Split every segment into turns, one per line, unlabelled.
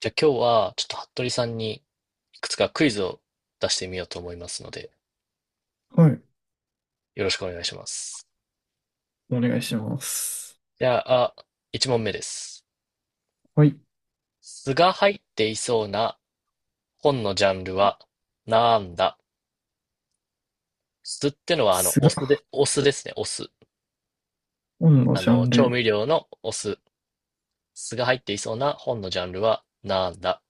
じゃあ今日はちょっと服部さんにいくつかクイズを出してみようと思いますので、
はい。
よろしくお願いします。
お願いします。
じゃあ、1問目です。
はい。
酢が入っていそうな本のジャンルはなんだ？酢ってのは
ス
お
が、
酢で、お酢ですね、お酢。
本のジャン
調
ル。
味料のお酢。酢が入っていそうな本のジャンルはなんだ？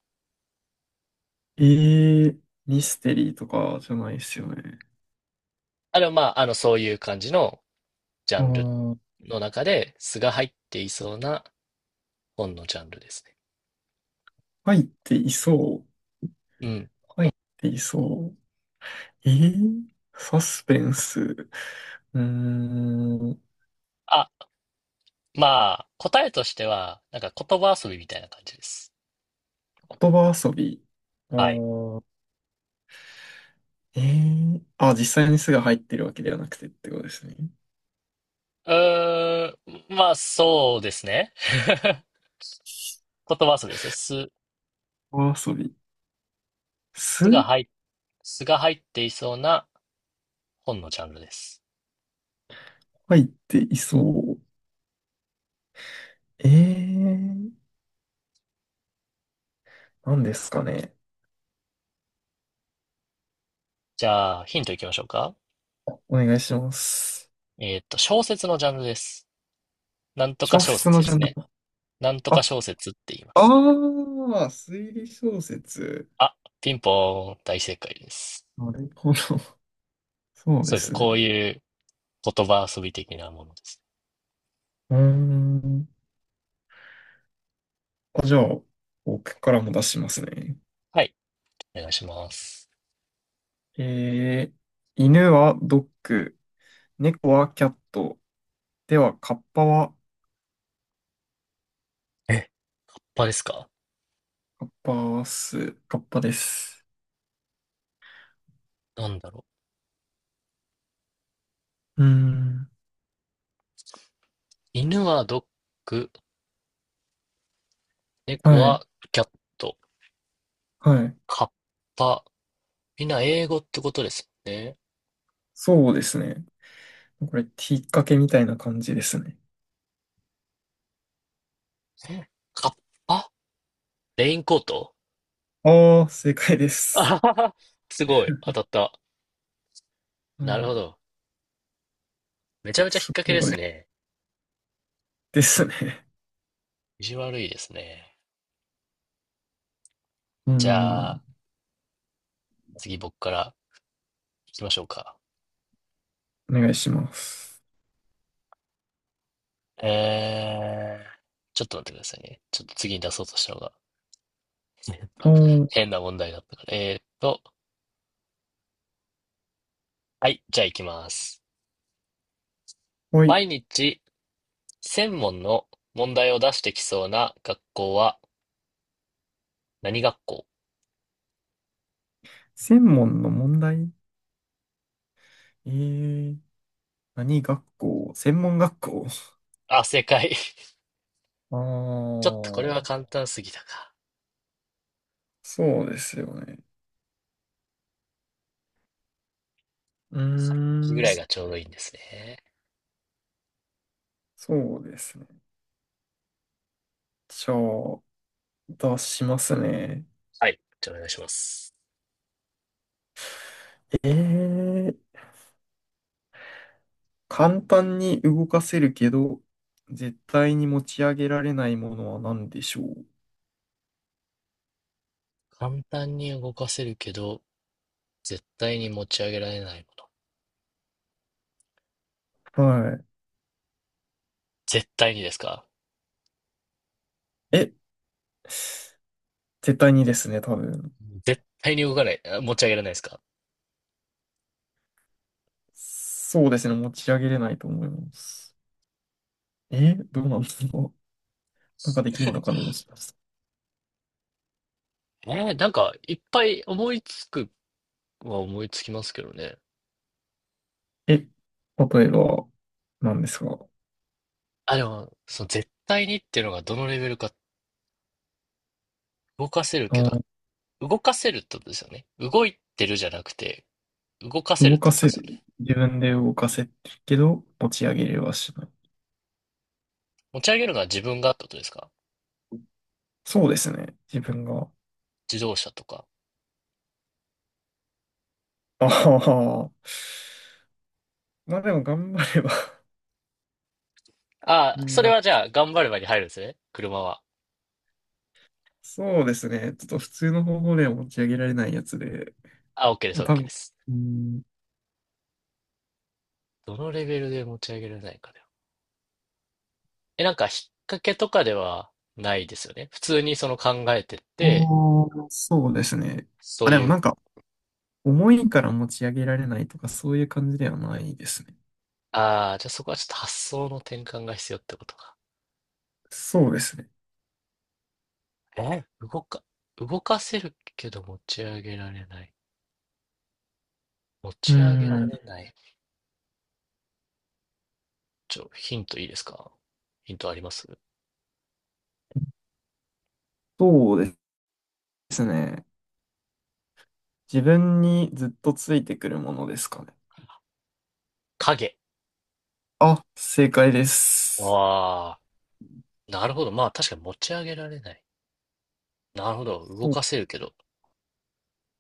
えー、ミステリーとかじゃないですよね。
あれはまあ、そういう感じのジャ
あ
ンル
ー、
の中で、酢が入っていそうな本のジャンルですね。
入っていそう。
うん。
入っていそう。ー、サスペンス。言
あ、まあ、答えとしては、なんか言葉遊びみたいな感じです。
葉遊び。あ
はい。
ー、え実際にすが入ってるわけではなくてってことですね。
うーん、まあ、そうですね。言葉遊びですね。す、
言葉遊び。
す
す
が入っ、すが入っていそうな本のジャンルです。
入っていそう。えー、何ですかね。
じゃあ、ヒントいきましょうか。
お願いします。
小説のジャンルです。なんとか
小
小
説
説
の
で
ジャ
す
ンル。
ね。なんと
あ、
か小説って言います。
推理小説。
あ、ピンポーン、大正解です。
なるほど。そうで
そうですね。
す
こう
ね。
いう言葉遊び的なものです。
うーん。じゃあ、僕からも出しますね。
はい。お願いします。
えー、犬はドッグ、猫はキャット。では、カッパは、
え、他ですか？
カッパス、カッパです。
なんだろう。
うーん。
犬はドッグ、猫
はい、
はキャット、
はい。
カッパ。みんな英語ってことですよね。
そうですね。これ、引っ掛けみたいな感じですね。
えカッパレインコート。
ああ、正解で
あ
す。
ははは。すごい。当たった。
は
なるほ
い。
ど。めちゃめちゃ引っ
す
掛けで
ご
す
い。
ね。
ですね。
意地悪いですね。
うー
じゃあ、
ん。
次僕から行きましょうか。
お願いします。
えー、ちょっと待ってくださいね。ちょっと次に出そうとしたのが
おー、
変な問題だったから。はい、じゃあ行きます。
はい。
毎日専門の問題を出してきそうな学校は何学校？
専門の問題えー、何学校専門学校
あ、正解。
ああ
ちょっとこれ
ー、
は簡単すぎたか。
そうですよね。うー
秋ぐ
ん、
らいがちょうどいいんですね。
そうですね。じゃあ、出しますね。
はい。じゃあお願いします。
えー、簡単に動かせるけど、絶対に持ち上げられないものは何でしょ
簡単に動かせるけど、絶対に持ち上げられないもの。
う。はい。
絶対にですか？
え、絶対にですね、多分。
絶対に動かない。あ、持ち上げられないですか？
そうですね、持ち上げれないと思います。え、どうなんですか？ なんかできんのかなもしかし
なんか、いっぱい思いつくは思いつきますけどね。
て。え、例えば、なんですか？
あ、でも、その絶対にっていうのがどのレベルか。動かせるけ
あ
ど、
ー、
動かせるってことですよね。動いてるじゃなくて、動かせるっ
動
て
か
ことで
せ
すよ
る。
ね。
自分で動かせるけど、持ち上げれはしない。
持ち上げるのは自分がってことですか？
そうですね。自分が。
自動車とか。
ああ。まあでも頑張れば
ああ、
みん
それ
な。
はじゃあ、頑張ればに入るんですね。車は。
そうですね。ちょっと普通の方法では持ち上げられないやつで。
あ、OK です、
あ、多
OK で
分。
す。
うん。
どのレベルで持ち上げられないかだよ。え、なんか、引っ掛けとかではないですよね。普通にその考えてって、
そうですね。
そ
あ、
う
でも
い
な
う、
んか、重いから持ち上げられないとか、そういう感じではないですね。
ああ、じゃあそこはちょっと発想の転換が必要ってことか。
そうですね。
え動か、動かせるけど持ち上げられない。持
うー
ち上げられ
ん。
ない。ちょ、ヒントいいですか？ヒントあります？
そうですね。自分にずっとついてくるものですかね。
影。
あ、正解です。
ああ、なるほど。まあ確かに持ち上げられない。なるほど。動
そう、
かせるけど。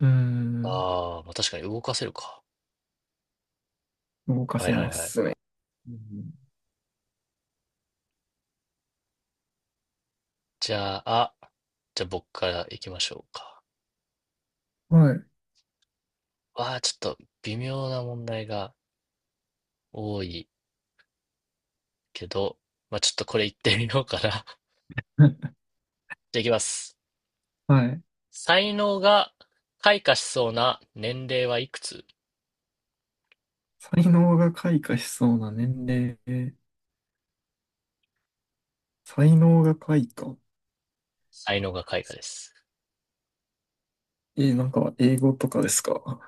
うーん。
ああ、まあ確かに動かせるか。
動か
はい
せ
はい
ま
はい。
すね。うん、
じゃあ、あ、じゃあ僕から行きましょうか。
はい。
わあ、ちょっと微妙な問題が多いけど、まあちょっとこれ行ってみようかな。じゃあ行きます。
はい。
才能が開花しそうな年齢はいくつ？
才能が開花しそうな年齢。才能が開花。
才能が開花です。
なんか英語とかですか？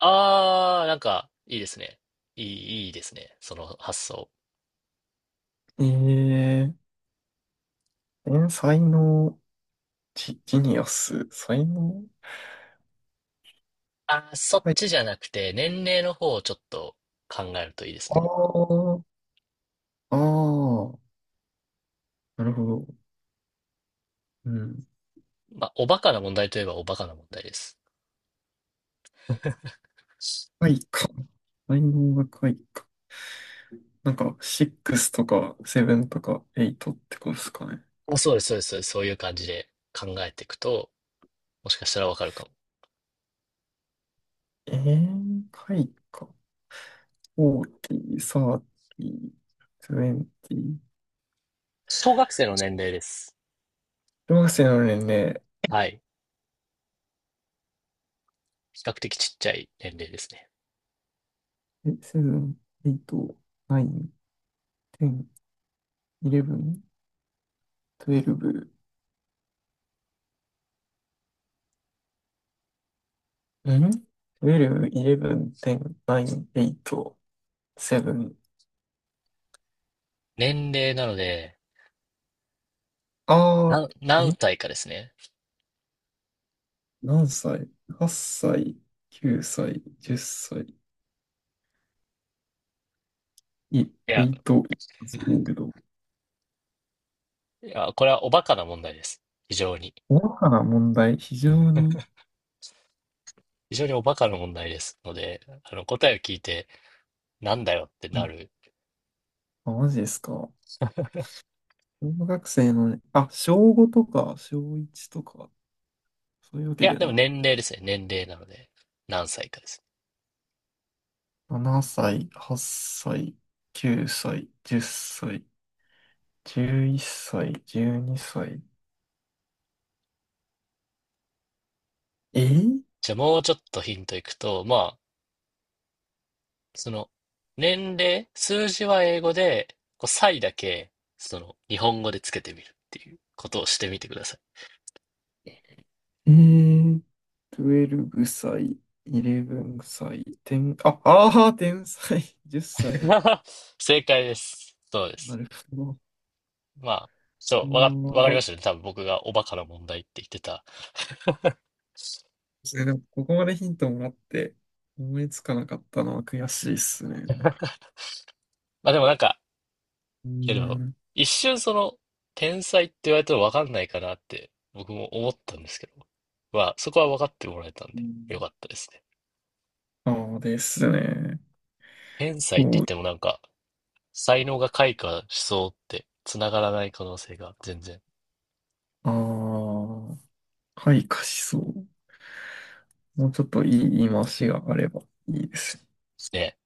ああ、なんか、いいですね。いい、いいですね。その発想。
えー、え才能、ジニアス、才能
ああ、そっ
開
ちじゃなくて、年齢の方をちょっと考えるといいです
花。
ね。
ああ、ああ、なるほど。うん。
まあ、おバカな問題といえばおバカな問題です。
回か。才能が開花。なんか、6とか7とか8ってことですかね。
まあそうです、そうです、そうです。そういう感じで考えていくと、もしかしたらわかるかも。
開花。40、30、20。
小学生の年齢です。
小学生の年齢、
はい。比較的ちっちゃい年齢ですね。
7、8、9、10、11、12。トゥエルブん1イ11、10、9、8、7。
年齢なので、
あ
何、
ー、
何
え
歳かですね。
何歳？ 8 歳、9歳、10歳。い、
い
え
や、
いと、言うけど、
いや、これはおバカな問題です。非常に。
大かな問題、非常に、
非常におバカな問題ですので、答えを聞いて、なんだよって
う
な
ん、
る。
あ、マジですか。小学生のね、あ、小5とか、小1とか、そういうわ
い
け
や、
で
でも
は
年齢ですね。年齢なので、何歳かです。
ななさい。7歳、8歳、9歳、10歳、11歳、12歳。えー、
じゃあもうちょっとヒントいくと、まあ、その、年齢、数字は英語で、こう、歳だけ、その、日本語でつけてみるっていうことをしてみてください。
えー、12歳、11歳、10、天才、10歳。
正解です。そうで
な
す。
るほど。
まあ、そう、わか、わかりましたね。多分僕がおバカな問題って言ってた。
それでもここまでヒントもらって思いつかなかったのは悔しいっすね。なんか、
まあでもなんか、
うー
いやでも、
ん。
一瞬その、天才って言われても分かんないかなって、僕も思ったんですけど、まあ、そこは分かってもらえたん
う
で、よか
ん、
ったですね。
ああですね。
天才って
そ
言っ
う。
てもなんか、才能が開花しそうって、繋がらない可能性が全然、
ああ。開花しそう。もうちょっといい言い回しがあればいいです
ね、